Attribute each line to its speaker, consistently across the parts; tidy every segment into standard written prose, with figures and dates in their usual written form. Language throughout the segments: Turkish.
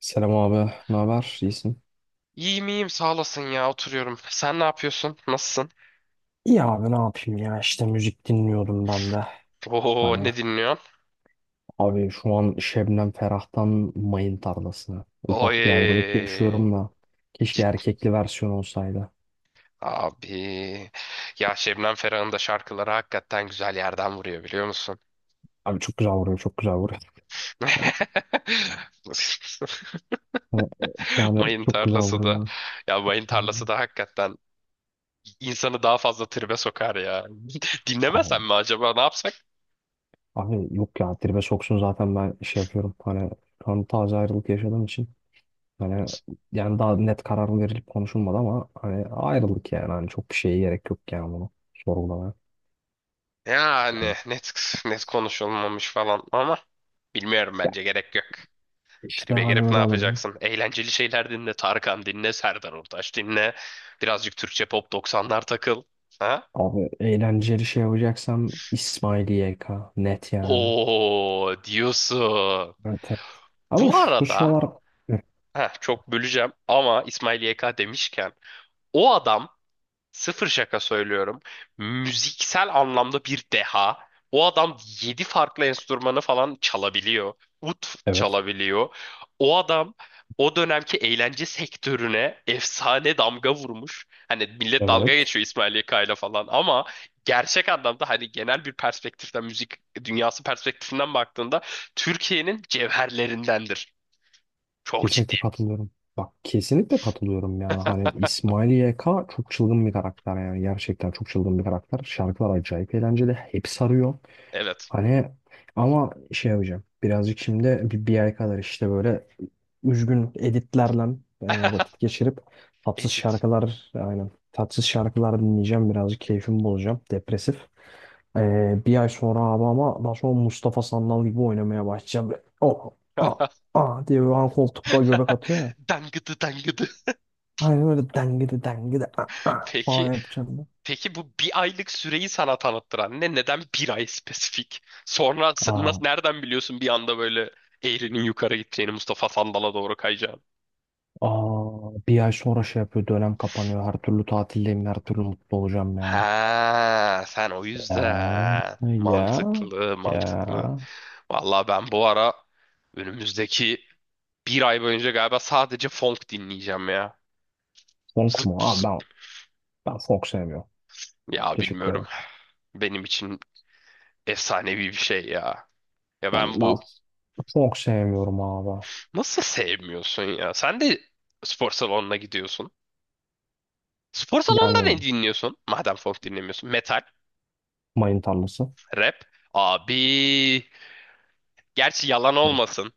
Speaker 1: Selam abi, ne haber? İyisin?
Speaker 2: İyiyim iyiyim sağ olasın ya, oturuyorum. Sen ne yapıyorsun? Nasılsın?
Speaker 1: İyi abi ne yapayım ya işte müzik dinliyordum ben de.
Speaker 2: Oo,
Speaker 1: Hani
Speaker 2: ne dinliyorsun?
Speaker 1: abi şu an Şebnem Ferah'tan Mayın Tarlası'na.
Speaker 2: Oy,
Speaker 1: Ufak bir ayrılık yaşıyorum da. Keşke
Speaker 2: ciddi
Speaker 1: erkekli versiyon olsaydı.
Speaker 2: abi. Ya Şebnem Ferah'ın da şarkıları hakikaten güzel yerden vuruyor, biliyor musun?
Speaker 1: Abi çok güzel vuruyor çok güzel vuruyor. Yani yani
Speaker 2: Mayın
Speaker 1: çok güzel
Speaker 2: tarlası da.
Speaker 1: vuruyor.
Speaker 2: Ya mayın tarlası da hakikaten insanı daha fazla tribe sokar ya. Dinlemesen
Speaker 1: Abi,
Speaker 2: mi acaba, ne yapsak?
Speaker 1: abi, yok ya tribe soksun zaten ben şey yapıyorum. Hani şu an taze ayrılık yaşadığım için. Hani yani daha net karar verilip konuşulmadı ama hani ayrılık yani. Hani çok bir şeye gerek yok yani bunu sorgulamaya.
Speaker 2: Yani net net konuşulmamış falan ama bilmiyorum,
Speaker 1: Ya
Speaker 2: bence gerek yok.
Speaker 1: işte
Speaker 2: Tribe
Speaker 1: hani
Speaker 2: girip ne
Speaker 1: böyle olur ya.
Speaker 2: yapacaksın? Eğlenceli şeyler dinle. Tarkan dinle. Serdar Ortaç dinle. Birazcık Türkçe pop 90'lar takıl. Ha?
Speaker 1: Abi eğlenceli şey yapacaksam İsmail YK net yani.
Speaker 2: Oo, diyorsun.
Speaker 1: Evet. Ama
Speaker 2: Bu
Speaker 1: şu
Speaker 2: arada
Speaker 1: sıralar hı,
Speaker 2: heh, çok böleceğim ama İsmail YK demişken o adam, sıfır şaka söylüyorum. Müziksel anlamda bir deha. O adam 7 farklı enstrümanı falan çalabiliyor. Ut
Speaker 1: evet,
Speaker 2: çalabiliyor. O adam o dönemki eğlence sektörüne efsane damga vurmuş. Hani millet dalga
Speaker 1: evet,
Speaker 2: geçiyor İsmail Yaka'yla falan ama gerçek anlamda hani genel bir perspektiften, müzik dünyası perspektifinden baktığında Türkiye'nin cevherlerindendir. Çok
Speaker 1: kesinlikle
Speaker 2: ciddiyim.
Speaker 1: katılıyorum. Bak kesinlikle katılıyorum yani hani İsmail YK çok çılgın bir karakter yani gerçekten çok çılgın bir karakter. Şarkılar acayip eğlenceli. Hep sarıyor.
Speaker 2: Evet.
Speaker 1: Hani ama şey yapacağım. Birazcık şimdi bir ay kadar işte böyle üzgün editlerle vakit geçirip tatsız
Speaker 2: Edit.
Speaker 1: şarkılar aynen tatsız şarkılar dinleyeceğim. Birazcık keyfimi bozacağım. Depresif. E, bir ay sonra abi ama daha sonra Mustafa Sandal gibi oynamaya başlayacağım. Böyle, oh, ah, ah diye böyle hani koltukta göbek atıyor ya.
Speaker 2: Dangıdı dangıdı.
Speaker 1: Aynen öyle dengede dengede ah, ah
Speaker 2: Peki
Speaker 1: falan yapacağım
Speaker 2: Peki, bu bir aylık süreyi sana tanıttıran ne? Neden bir ay spesifik? Sonra nasıl,
Speaker 1: ben.
Speaker 2: nereden biliyorsun bir anda böyle eğrinin yukarı gideceğini, Mustafa Sandal'a doğru kayacağını?
Speaker 1: Aa, bir ay sonra şey yapıyor dönem kapanıyor her türlü tatildeyim her türlü mutlu olacağım yani.
Speaker 2: Ha, sen o
Speaker 1: Ya
Speaker 2: yüzden.
Speaker 1: ya
Speaker 2: Mantıklı,
Speaker 1: ya
Speaker 2: mantıklı. Vallahi ben bu ara önümüzdeki bir ay boyunca galiba sadece funk dinleyeceğim ya.
Speaker 1: funk
Speaker 2: Zıp
Speaker 1: mu? Abi
Speaker 2: zıp.
Speaker 1: ben funk sevmiyorum.
Speaker 2: Ya
Speaker 1: Teşekkür
Speaker 2: bilmiyorum.
Speaker 1: ederim.
Speaker 2: Benim için efsanevi bir şey ya. Ya
Speaker 1: Ben,
Speaker 2: ben
Speaker 1: ben
Speaker 2: bu
Speaker 1: funk sevmiyorum abi.
Speaker 2: Nasıl sevmiyorsun ya? Sen de spor salonuna gidiyorsun. Spor salonunda ne
Speaker 1: Yani
Speaker 2: dinliyorsun? Madem folk dinlemiyorsun. Metal,
Speaker 1: mayın tarlası.
Speaker 2: rap. Abi. Gerçi yalan
Speaker 1: Evet,
Speaker 2: olmasın.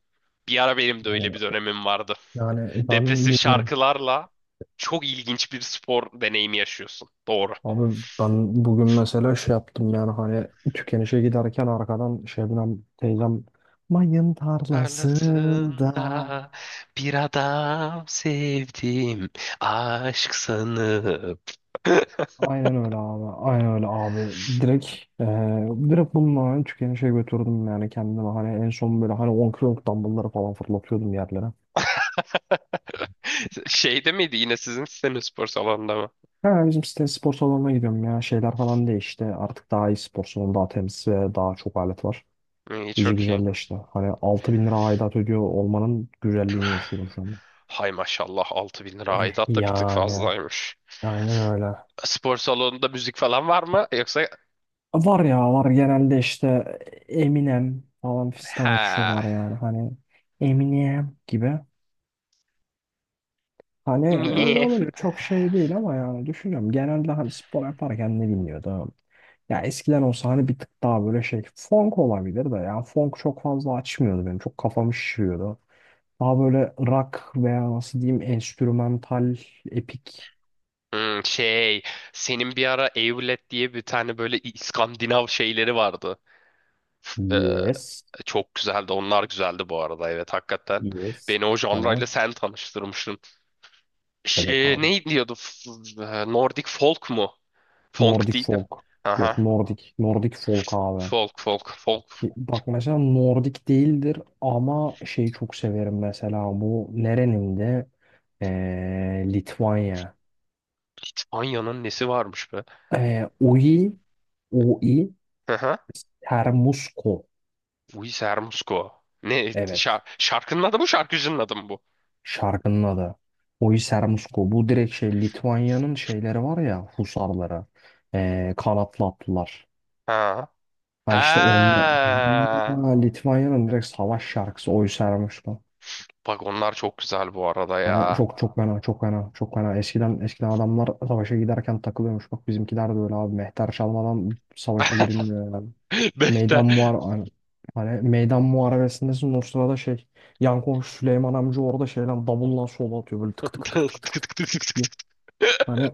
Speaker 2: Bir ara benim de öyle
Speaker 1: Yani,
Speaker 2: bir dönemim vardı.
Speaker 1: yani ben
Speaker 2: Depresif
Speaker 1: bilmiyorum.
Speaker 2: şarkılarla çok ilginç bir spor deneyimi yaşıyorsun. Doğru.
Speaker 1: Abi ben bugün mesela şey yaptım yani hani tükenişe giderken arkadan Şebnem teyzem mayın tarlasında
Speaker 2: Tarlasında bir adam sevdim. Aşk sanıp.
Speaker 1: aynen öyle abi. Aynen öyle abi. Direkt direkt bununla ben tükenişe götürdüm yani kendimi. Hani en son böyle hani 10 kiloluk dumbbellları falan fırlatıyordum yerlere.
Speaker 2: Şeyde miydi, yine sizin sitenin spor salonunda mı?
Speaker 1: Ha, bizim site spor salonuna gidiyorum ya. Şeyler falan değişti. Artık daha iyi spor salonu, daha temiz ve daha çok alet var.
Speaker 2: İyi,
Speaker 1: İyice
Speaker 2: çok iyi.
Speaker 1: güzelleşti. Hani 6.000 lira aidat ödüyor olmanın güzelliğini yaşıyorum şu anda.
Speaker 2: Hay maşallah, 6.000 lira aidat da bir tık
Speaker 1: Yani
Speaker 2: fazlaymış.
Speaker 1: aynen öyle.
Speaker 2: Spor salonunda müzik falan var mı? Yoksa
Speaker 1: Var ya var genelde işte Eminem falan fistan
Speaker 2: ha,
Speaker 1: açıyorlar yani. Hani Eminem gibi. Hani öyle
Speaker 2: niye?
Speaker 1: olunca çok şey değil ama yani düşünüyorum. Genelde hani spor yaparken ne dinliyordum? Ya eskiden olsa hani bir tık daha böyle şey funk olabilir de yani funk çok fazla açmıyordu benim. Çok kafamı şişiriyordu. Daha böyle rock veya nasıl diyeyim enstrümantal epik.
Speaker 2: Hmm, şey, senin bir ara Evlet diye bir tane böyle İskandinav şeyleri vardı. F- eee,
Speaker 1: Yes.
Speaker 2: çok güzeldi. Onlar güzeldi bu arada. Evet, hakikaten.
Speaker 1: Yes.
Speaker 2: Beni o
Speaker 1: Hani
Speaker 2: janrayla sen tanıştırmışsın.
Speaker 1: evet
Speaker 2: Şey,
Speaker 1: abi.
Speaker 2: ne diyordu? Nordic folk mu? Folk
Speaker 1: Nordic
Speaker 2: değil de.
Speaker 1: folk. Yok
Speaker 2: Aha.
Speaker 1: Nordic. Nordic folk abi.
Speaker 2: Folk folk folk.
Speaker 1: Ki bak mesela Nordik değildir ama şeyi çok severim mesela bu nerenin de Litvanya.
Speaker 2: İspanya'nın nesi varmış be?
Speaker 1: Oi, Oi
Speaker 2: Aha.
Speaker 1: Sermusko.
Speaker 2: Luis Hermosco. Ne?
Speaker 1: Evet
Speaker 2: Şar- şarkının adı mı, şarkıcının adı mı bu?
Speaker 1: şarkının adı. Oi Sermusko. Bu direkt şey Litvanya'nın şeyleri var ya husarları. Kanatlı atlılar.
Speaker 2: Ha.
Speaker 1: Ha işte onda
Speaker 2: Ha.
Speaker 1: ha, Litvanya'nın direkt savaş şarkısı Oi Sermusko.
Speaker 2: Bak, onlar çok güzel bu arada
Speaker 1: Hani
Speaker 2: ya.
Speaker 1: çok çok fena çok fena çok fena. Eskiden eskiden adamlar savaşa giderken takılıyormuş. Bak bizimkiler de öyle abi. Mehter çalmadan savaşa girilmiyor yani.
Speaker 2: Behter.
Speaker 1: Meydan muhar hani, hani meydan muharebesindesin o sırada şey yan komşu Süleyman amca orada şeyden davulla sola atıyor böyle tık
Speaker 2: Tık
Speaker 1: tık tık tık
Speaker 2: tık
Speaker 1: tık tık
Speaker 2: tık tık tık
Speaker 1: diye.
Speaker 2: tık.
Speaker 1: Hani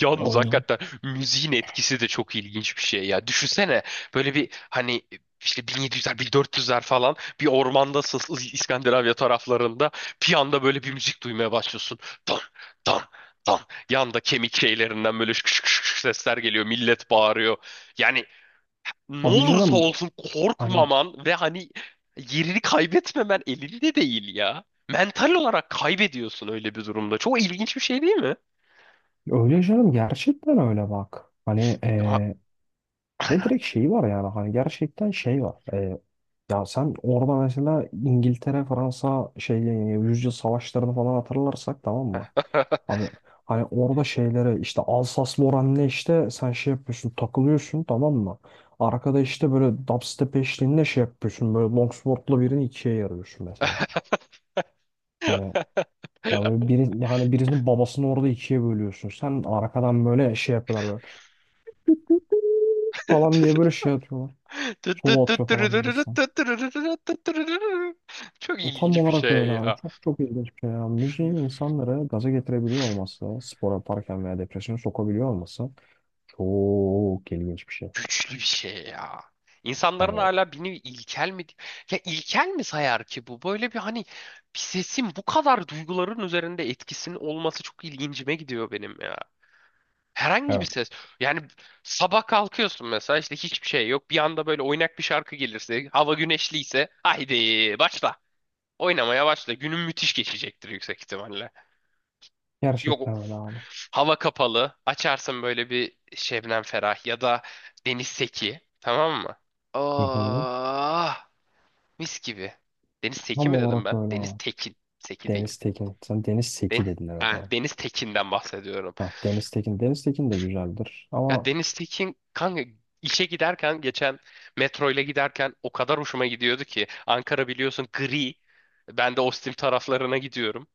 Speaker 2: Yalnız
Speaker 1: o
Speaker 2: hakikaten müziğin etkisi de çok ilginç bir şey ya. Düşünsene böyle bir hani işte 1700'ler 1400'ler falan, bir ormandasın, İskandinavya taraflarında bir anda böyle bir müzik duymaya başlıyorsun. Don don don. Yanda kemik şeylerinden böyle şık şık şık şık sesler geliyor. Millet bağırıyor. Yani ne
Speaker 1: abi
Speaker 2: olursa
Speaker 1: canım
Speaker 2: olsun
Speaker 1: hani
Speaker 2: korkmaman ve hani yerini kaybetmemen elinde değil ya. Mental olarak kaybediyorsun öyle bir durumda. Çok ilginç bir şey değil mi?
Speaker 1: öyle canım gerçekten öyle bak. Hani
Speaker 2: Ha-
Speaker 1: ve direkt şeyi var yani hani gerçekten şey var. Ya sen orada mesela İngiltere, Fransa şeyle yüzyıl savaşlarını falan hatırlarsak tamam mı? Abi hani orada şeylere işte Alsas-Lorraine'le işte sen şey yapıyorsun takılıyorsun tamam mı? Arkada işte böyle dubstep eşliğinde şey yapıyorsun böyle longsword'la birini ikiye yarıyorsun mesela. Hani ya böyle biri, hani birisinin babasını orada ikiye bölüyorsun. Sen arkadan böyle şey yapıyorlar böyle falan diye böyle şey atıyorlar. Solo atıyor falan birisi.
Speaker 2: Çok
Speaker 1: Tam
Speaker 2: ilginç bir
Speaker 1: olarak
Speaker 2: şey
Speaker 1: öyle abi.
Speaker 2: ya.
Speaker 1: Çok çok ilginç bir şey ya. Müziğin insanları gaza getirebiliyor olması, spor yaparken veya depresyona sokabiliyor olması çok ilginç bir şey.
Speaker 2: Güçlü bir şey ya. İnsanların
Speaker 1: Hani
Speaker 2: hala beni ilkel mi, ya ilkel mi sayar ki bu? Böyle bir hani bir sesin bu kadar duyguların üzerinde etkisinin olması çok ilgincime gidiyor benim ya. Herhangi bir
Speaker 1: evet.
Speaker 2: ses. Yani sabah kalkıyorsun mesela, işte hiçbir şey yok. Bir anda böyle oynak bir şarkı gelirse, hava güneşliyse, haydi başla. Oynamaya başla. Günün müthiş geçecektir yüksek ihtimalle. Yok,
Speaker 1: Gerçekten öyle abi.
Speaker 2: hava kapalı. Açarsın böyle bir Şebnem Ferah ya da Deniz Seki. Tamam mı?
Speaker 1: Hı hı.
Speaker 2: Ah, mis gibi. Deniz Seki
Speaker 1: Tam
Speaker 2: mi dedim
Speaker 1: olarak
Speaker 2: ben?
Speaker 1: öyle
Speaker 2: Deniz
Speaker 1: abi.
Speaker 2: Tekin. Seki değil.
Speaker 1: Deniz Tekin. Sen Deniz
Speaker 2: Den-
Speaker 1: Seki dedin evet
Speaker 2: ha,
Speaker 1: abi.
Speaker 2: Deniz Tekin'den bahsediyorum.
Speaker 1: Ha, Deniz Tekin. Deniz Tekin de güzeldir.
Speaker 2: Ya
Speaker 1: Ama
Speaker 2: Deniz Tekin kanka, işe giderken, geçen metroyla giderken o kadar hoşuma gidiyordu ki, Ankara biliyorsun gri. Ben de Ostim taraflarına gidiyorum.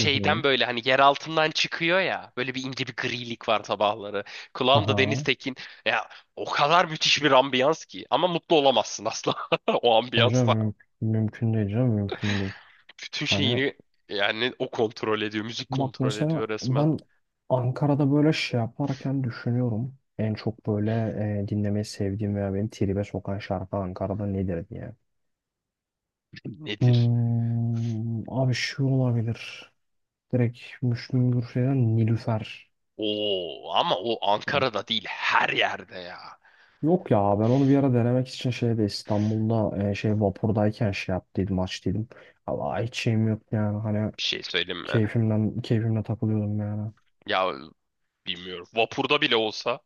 Speaker 1: hı hı.
Speaker 2: böyle hani yer altından çıkıyor ya, böyle bir ince bir grilik var sabahları. Kulağımda Deniz
Speaker 1: Aha.
Speaker 2: Tekin ya, o kadar müthiş bir ambiyans ki, ama mutlu olamazsın asla o
Speaker 1: Hocam
Speaker 2: ambiyansa.
Speaker 1: mümkün değil canım. Mümkün değil.
Speaker 2: Bütün
Speaker 1: Hani
Speaker 2: şeyini, yani o kontrol ediyor, müzik
Speaker 1: bak
Speaker 2: kontrol ediyor
Speaker 1: mesela
Speaker 2: resmen.
Speaker 1: ben Ankara'da böyle şey yaparken düşünüyorum. En çok böyle dinlemeyi sevdiğim veya beni tribe sokan şarkı Ankara'da nedir diye.
Speaker 2: Nedir?
Speaker 1: Hmm, abi şu olabilir. Direkt Müslüm Gürses'ten Nilüfer.
Speaker 2: Oo, ama o
Speaker 1: Direkt.
Speaker 2: Ankara'da değil, her yerde ya.
Speaker 1: Yok ya ben onu bir ara denemek için şeyde İstanbul'da şey vapurdayken şey yaptıydım açtıydım. Ama hiç şeyim yok yani hani
Speaker 2: Bir şey söyleyeyim mi?
Speaker 1: keyfimden keyfimle takılıyordum yani.
Speaker 2: Ya bilmiyorum. Vapurda bile olsa.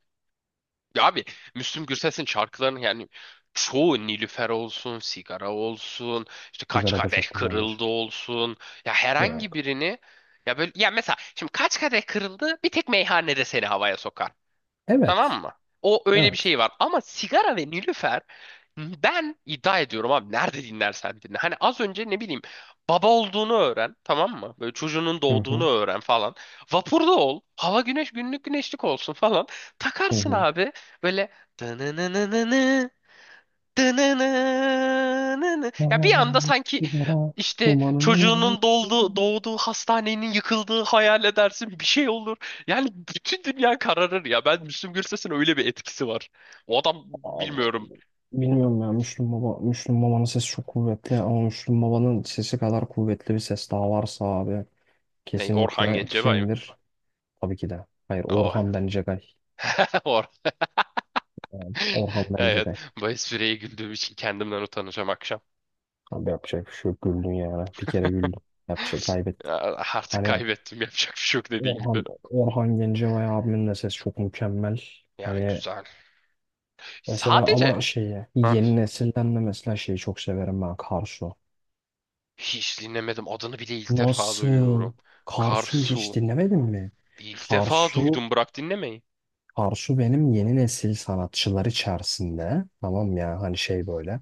Speaker 2: Ya abi, Müslüm Gürses'in şarkılarının yani çoğu, Nilüfer olsun, sigara olsun, işte kaç
Speaker 1: Sigara da
Speaker 2: kadeh
Speaker 1: çok güzeldir.
Speaker 2: kırıldı olsun. Ya herhangi
Speaker 1: Yok.
Speaker 2: birini, ya böyle ya, mesela şimdi kaç kadeh kırıldı bir tek meyhanede seni havaya sokar.
Speaker 1: Evet.
Speaker 2: Tamam mı? O öyle bir
Speaker 1: Evet.
Speaker 2: şey var. Ama sigara ve nilüfer, ben iddia ediyorum abi, nerede dinlersen dinle. Hani az önce ne bileyim, baba olduğunu öğren tamam mı? Böyle çocuğunun
Speaker 1: Hı
Speaker 2: doğduğunu
Speaker 1: hı.
Speaker 2: öğren falan. Vapurda ol. Hava güneş, günlük güneşlik olsun falan.
Speaker 1: Hı
Speaker 2: Takarsın
Speaker 1: hı.
Speaker 2: abi, böyle Dınınınını. Ya bir anda
Speaker 1: Yalan
Speaker 2: sanki
Speaker 1: sigara
Speaker 2: işte
Speaker 1: dumanının
Speaker 2: çocuğunun
Speaker 1: altı.
Speaker 2: doldu, doğduğu hastanenin yıkıldığı hayal edersin, bir şey olur. Yani bütün dünya kararır ya. Ben, Müslüm Gürses'in öyle bir etkisi var. O adam,
Speaker 1: Abi,
Speaker 2: bilmiyorum.
Speaker 1: bilmiyorum ya Müslüm Baba Müslüm Baba'nın sesi çok kuvvetli ama Müslüm Baba'nın sesi kadar kuvvetli bir ses daha varsa abi
Speaker 2: Ne, Orhan
Speaker 1: kesinlikle
Speaker 2: Gencebay mı?
Speaker 1: kimdir? Tabii ki de. Hayır
Speaker 2: Oh.
Speaker 1: Orhan Bencegay.
Speaker 2: Or.
Speaker 1: Yani Orhan
Speaker 2: Evet.
Speaker 1: Bencegay.
Speaker 2: Bu espriye güldüğüm için kendimden utanacağım akşam.
Speaker 1: Abi yapacak bir şey yok güldün yani. Bir kere güldün. Yapacak
Speaker 2: Ya,
Speaker 1: kaybettik.
Speaker 2: artık
Speaker 1: Hani
Speaker 2: kaybettim, yapacak bir şey yok, dediğin
Speaker 1: Orhan
Speaker 2: gibi.
Speaker 1: Orhan Gencebay abimin de sesi çok mükemmel.
Speaker 2: Ya
Speaker 1: Hani
Speaker 2: güzel.
Speaker 1: mesela
Speaker 2: Sadece
Speaker 1: ama şeyi
Speaker 2: ha.
Speaker 1: yeni nesilden de mesela şeyi çok severim ben Karsu.
Speaker 2: Hiç dinlemedim. Adını bile ilk defa
Speaker 1: Nasıl?
Speaker 2: duyuyorum.
Speaker 1: Karsu'yu hiç
Speaker 2: Karsu.
Speaker 1: dinlemedin mi?
Speaker 2: İlk defa
Speaker 1: Karsu,
Speaker 2: duydum. Bırak dinlemeyi.
Speaker 1: Karsu benim yeni nesil sanatçılar içerisinde. Tamam ya hani şey böyle.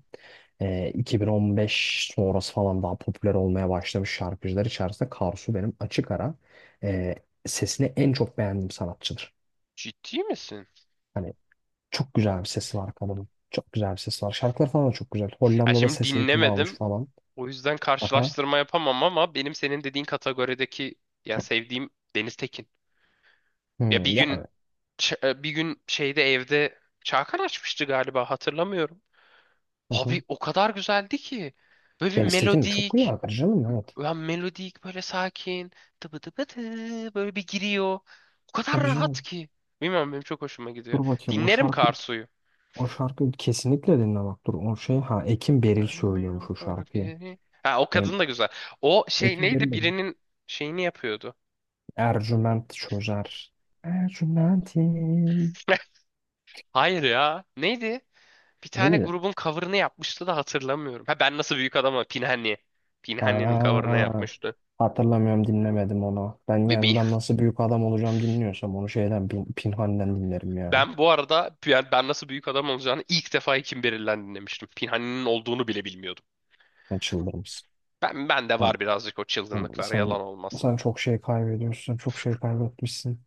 Speaker 1: 2015 sonrası falan daha popüler olmaya başlamış şarkıcılar içerisinde Karsu benim açık ara e, sesini en çok beğendiğim sanatçıdır.
Speaker 2: Ciddi misin?
Speaker 1: Hani çok güzel bir sesi var kadının. Çok güzel bir sesi var. Şarkıları falan da çok güzel.
Speaker 2: Ya
Speaker 1: Hollanda'da
Speaker 2: şimdi
Speaker 1: ses eğitimi almış
Speaker 2: dinlemedim.
Speaker 1: falan.
Speaker 2: O yüzden
Speaker 1: Aha.
Speaker 2: karşılaştırma yapamam, ama benim senin dediğin kategorideki ya sevdiğim Deniz Tekin. Ya
Speaker 1: Hmm,
Speaker 2: bir gün,
Speaker 1: yani.
Speaker 2: bir gün şeyde, evde Çağkan açmıştı galiba, hatırlamıyorum.
Speaker 1: Hı hı.
Speaker 2: Abi o kadar güzeldi ki. Böyle bir
Speaker 1: Deniz Tekin de çok güzel
Speaker 2: melodik.
Speaker 1: şarkıcı canım. Evet.
Speaker 2: Ben melodik böyle sakin, tıbı tıbı tı böyle bir giriyor. O kadar
Speaker 1: Tabii
Speaker 2: rahat
Speaker 1: canım.
Speaker 2: ki. Bilmiyorum, benim çok hoşuma gidiyor.
Speaker 1: Dur bakayım
Speaker 2: Dinlerim Karsu'yu.
Speaker 1: o şarkıyı kesinlikle dinle bak dur o şey ha Ekim Beril
Speaker 2: Dönmüyor
Speaker 1: söylüyormuş o
Speaker 2: bak
Speaker 1: şarkıyı.
Speaker 2: geri. Ha, o
Speaker 1: Benim
Speaker 2: kadın da güzel. O şey
Speaker 1: Ekim Beril
Speaker 2: neydi,
Speaker 1: dedim.
Speaker 2: birinin şeyini yapıyordu.
Speaker 1: Ercüment çözer. Ercümentim.
Speaker 2: Hayır ya. Neydi? Bir
Speaker 1: Değil
Speaker 2: tane
Speaker 1: miydi?
Speaker 2: grubun cover'ını yapmıştı da hatırlamıyorum. Ha, ben nasıl büyük adamım? Pinhani. Pinhani'nin cover'ını
Speaker 1: Ha,
Speaker 2: yapmıştı.
Speaker 1: hatırlamıyorum dinlemedim onu. Ben
Speaker 2: Ve
Speaker 1: yani
Speaker 2: bi-
Speaker 1: ben nasıl büyük adam olacağım dinliyorsam onu şeyden Pinhani'den dinlerim ya.
Speaker 2: Ben bu arada yani ben nasıl büyük adam olacağını ilk defa Kim Beril'den dinlemiştim. Pinhani'nin olduğunu bile bilmiyordum.
Speaker 1: Ben çıldırırım.
Speaker 2: Ben de
Speaker 1: Sen,
Speaker 2: var birazcık o
Speaker 1: sen,
Speaker 2: çılgınlıklar,
Speaker 1: sen,
Speaker 2: yalan olmasın.
Speaker 1: sen çok şey kaybediyorsun. Çok şey kaybetmişsin.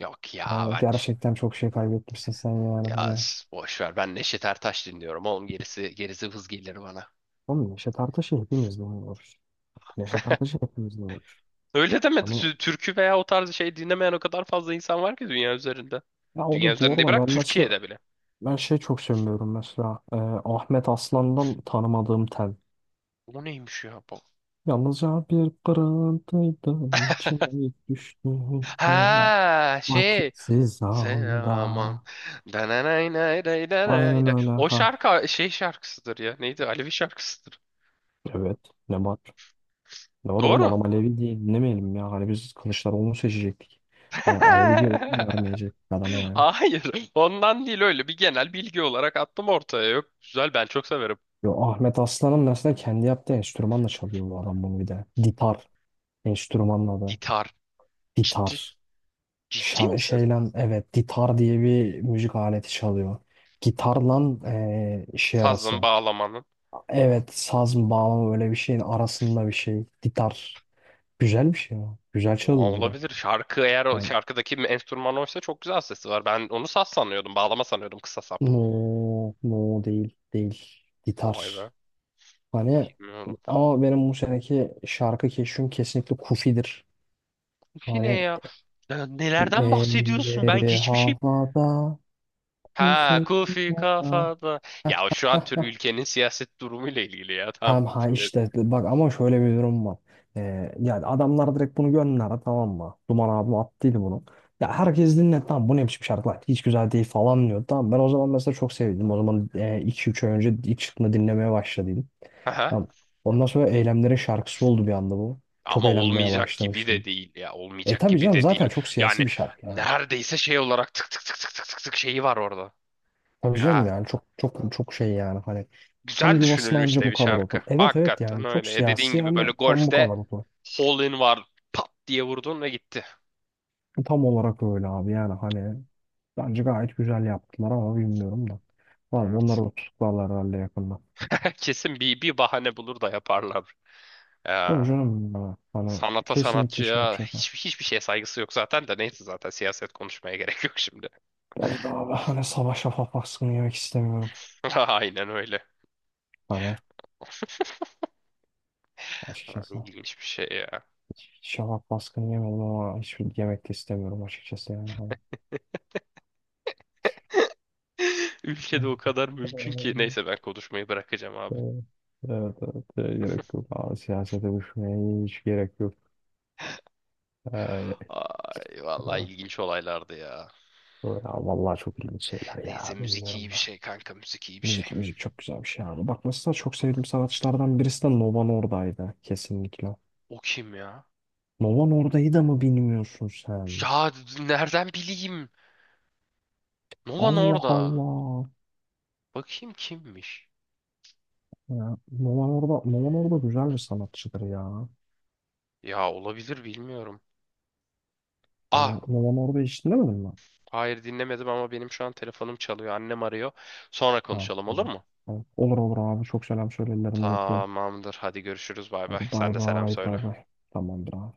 Speaker 2: Yok ya,
Speaker 1: Yani
Speaker 2: ben
Speaker 1: gerçekten çok şey kaybetmişsin sen yani.
Speaker 2: ya
Speaker 1: Hani
Speaker 2: boş ver, ben Neşet Ertaş dinliyorum oğlum, gerisi hız gelir bana.
Speaker 1: oğlum Neşet Ertaş'ı hepimiz dinliyoruz. Bak, Neşet Ertaş'ı hepimiz dinliyoruz.
Speaker 2: Öyle demedi.
Speaker 1: Hani
Speaker 2: Türkü veya o tarz şey dinlemeyen o kadar fazla insan var ki dünya üzerinde.
Speaker 1: ya o da
Speaker 2: Dünya
Speaker 1: bu
Speaker 2: üzerinde
Speaker 1: arada
Speaker 2: bırak,
Speaker 1: ben mesela
Speaker 2: Türkiye'de bile.
Speaker 1: ben şey çok sevmiyorum mesela Ahmet Aslan'dan tanımadığım tel.
Speaker 2: O neymiş ya bu?
Speaker 1: Yalnızca bir pırıltıydı içine düştüğünde
Speaker 2: Ha, şey.
Speaker 1: vakitsiz
Speaker 2: Sen,
Speaker 1: anda.
Speaker 2: aman. Dananay nay day danay
Speaker 1: Aynen
Speaker 2: day.
Speaker 1: öyle
Speaker 2: O
Speaker 1: ha.
Speaker 2: şarkı şey şarkısıdır ya. Neydi? Alevi şarkısıdır.
Speaker 1: Evet ne var? Ne var oğlum
Speaker 2: Doğru.
Speaker 1: adam Alevi diye dinlemeyelim ya. Hani biz Kılıçdaroğlu'nu seçecektik. Hani Alevi diye oyunu vermeyecektik adama yani.
Speaker 2: Hayır, ondan değil, öyle bir genel bilgi olarak attım ortaya. Yok, güzel, ben çok severim.
Speaker 1: Yo, Ahmet Aslan'ın mesela kendi yaptığı enstrümanla çalıyor bu adam bunu bir de. Ditar enstrümanla adı.
Speaker 2: Gitar. Ciddi.
Speaker 1: Ditar.
Speaker 2: Ciddi misin?
Speaker 1: Şeyle evet ditar diye bir müzik aleti çalıyor. Gitarla şey
Speaker 2: Sazın,
Speaker 1: arası.
Speaker 2: bağlamanın.
Speaker 1: Evet saz mı bağlama öyle bir şeyin arasında bir şey. Ditar. Güzel bir şey ama. Güzel
Speaker 2: Aa,
Speaker 1: çalıyor bir de.
Speaker 2: olabilir. Şarkı, eğer o
Speaker 1: Yani,
Speaker 2: şarkıdaki enstrüman oysa, çok güzel sesi var. Ben onu saz sanıyordum, bağlama sanıyordum, kısa sap.
Speaker 1: no, no değil değil.
Speaker 2: Vay be.
Speaker 1: Ditar. Hani
Speaker 2: Bilmiyorum.
Speaker 1: ama benim bu seneki şarkı keşfim kesinlikle Kufi'dir.
Speaker 2: Kufi ne
Speaker 1: Hani
Speaker 2: ya? Ya nelerden bahsediyorsun? Ben
Speaker 1: elleri
Speaker 2: hiçbir şey...
Speaker 1: havada, bu
Speaker 2: Ha, Kufi
Speaker 1: fikrada.
Speaker 2: kafada. Ya şu an tür ülkenin siyaset durumuyla ilgili ya. Tamam,
Speaker 1: Tamam ha
Speaker 2: Kufi dedim.
Speaker 1: işte bak ama şöyle bir durum var. Yani adamlar direkt bunu gönderdi tamam mı? Duman abim attıydı bunu. Ya herkes dinle tamam bu ne biçim şarkı hiç güzel değil falan diyor. Tamam ben o zaman mesela çok sevdim. O zaman 2-3 ay önce ilk çıktığında dinlemeye başladıydım. Tamam. Ondan sonra Eylemlerin şarkısı oldu bir anda bu. Çok
Speaker 2: Ama
Speaker 1: eğlenmeye
Speaker 2: olmayacak gibi de
Speaker 1: başlamıştım.
Speaker 2: değil ya.
Speaker 1: E
Speaker 2: Olmayacak
Speaker 1: tabii
Speaker 2: gibi
Speaker 1: canım
Speaker 2: de değil.
Speaker 1: zaten çok siyasi
Speaker 2: Yani
Speaker 1: bir şarkı yani.
Speaker 2: neredeyse şey olarak tık tık tık tık tık tık tık şeyi var orada.
Speaker 1: Tabii canım
Speaker 2: Ya
Speaker 1: yani çok çok çok şey yani hani tam
Speaker 2: güzel
Speaker 1: yuvasına
Speaker 2: düşünülmüş
Speaker 1: anca
Speaker 2: de
Speaker 1: bu
Speaker 2: bir
Speaker 1: kadar otur.
Speaker 2: şarkı.
Speaker 1: Evet evet
Speaker 2: Hakikaten
Speaker 1: yani çok
Speaker 2: öyle. E dediğin
Speaker 1: siyasi
Speaker 2: gibi böyle
Speaker 1: ama tam bu
Speaker 2: golfte
Speaker 1: kadar otur.
Speaker 2: hole in var. Pat diye vurdun ve gitti.
Speaker 1: Tam olarak öyle abi yani hani bence gayet güzel yaptılar ama bilmiyorum da. Var
Speaker 2: Evet.
Speaker 1: onları da tutuklarlar herhalde yakında.
Speaker 2: Kesin bir bahane bulur da yaparlar.
Speaker 1: Tabii
Speaker 2: Ya,
Speaker 1: canım ya, hani
Speaker 2: sanata
Speaker 1: kesinlikle şey
Speaker 2: sanatçıya
Speaker 1: yapacaklar.
Speaker 2: hiçbir şeye saygısı yok zaten, de neyse, zaten siyaset konuşmaya gerek yok şimdi.
Speaker 1: Bence de abi hani sabah şafak baskını yemek istemiyorum.
Speaker 2: Aynen öyle.
Speaker 1: Hani
Speaker 2: Ha,
Speaker 1: açıkçası
Speaker 2: İlginç bir şey ya.
Speaker 1: hiç şafak baskını yemedim ama hiçbir yemek de istemiyorum açıkçası yani. Hani.
Speaker 2: Ülkede o kadar mümkün ki.
Speaker 1: Evet,
Speaker 2: Neyse, ben konuşmayı bırakacağım abi.
Speaker 1: evet, evet, evet, gerek yok. Abi, siyasete düşmeye hiç gerek yok. Ee,
Speaker 2: Ay vallahi
Speaker 1: Ha,
Speaker 2: ilginç olaylardı ya.
Speaker 1: ya vallahi çok ilginç şeyler
Speaker 2: Neyse,
Speaker 1: ya
Speaker 2: müzik iyi
Speaker 1: bilmiyorum
Speaker 2: bir
Speaker 1: da.
Speaker 2: şey kanka, müzik iyi bir şey.
Speaker 1: Müzik müzik çok güzel bir şey abi. Bak mesela çok sevdiğim sanatçılardan birisi de Nova Norda'ydı kesinlikle.
Speaker 2: O kim ya?
Speaker 1: Nova Norda'yı da mı bilmiyorsun sen?
Speaker 2: Ya nereden bileyim? Nolan
Speaker 1: Allah
Speaker 2: orada.
Speaker 1: Allah.
Speaker 2: Bakayım kimmiş?
Speaker 1: Ya, Nova Norda güzel bir sanatçıdır ya.
Speaker 2: Ya olabilir, bilmiyorum.
Speaker 1: Hani
Speaker 2: Ah,
Speaker 1: Nova Norda hiç dinlemedin mi?
Speaker 2: hayır dinlemedim ama benim şu an telefonum çalıyor. Annem arıyor. Sonra
Speaker 1: Ha,
Speaker 2: konuşalım, olur
Speaker 1: tamam.
Speaker 2: mu?
Speaker 1: Tamam. Olur olur abi çok selam söyle ellerinden öpüyorum.
Speaker 2: Tamamdır. Hadi görüşürüz. Bay bay.
Speaker 1: Hadi bay
Speaker 2: Sen de selam
Speaker 1: bay
Speaker 2: söyle.
Speaker 1: bay bay. Tamamdır abi.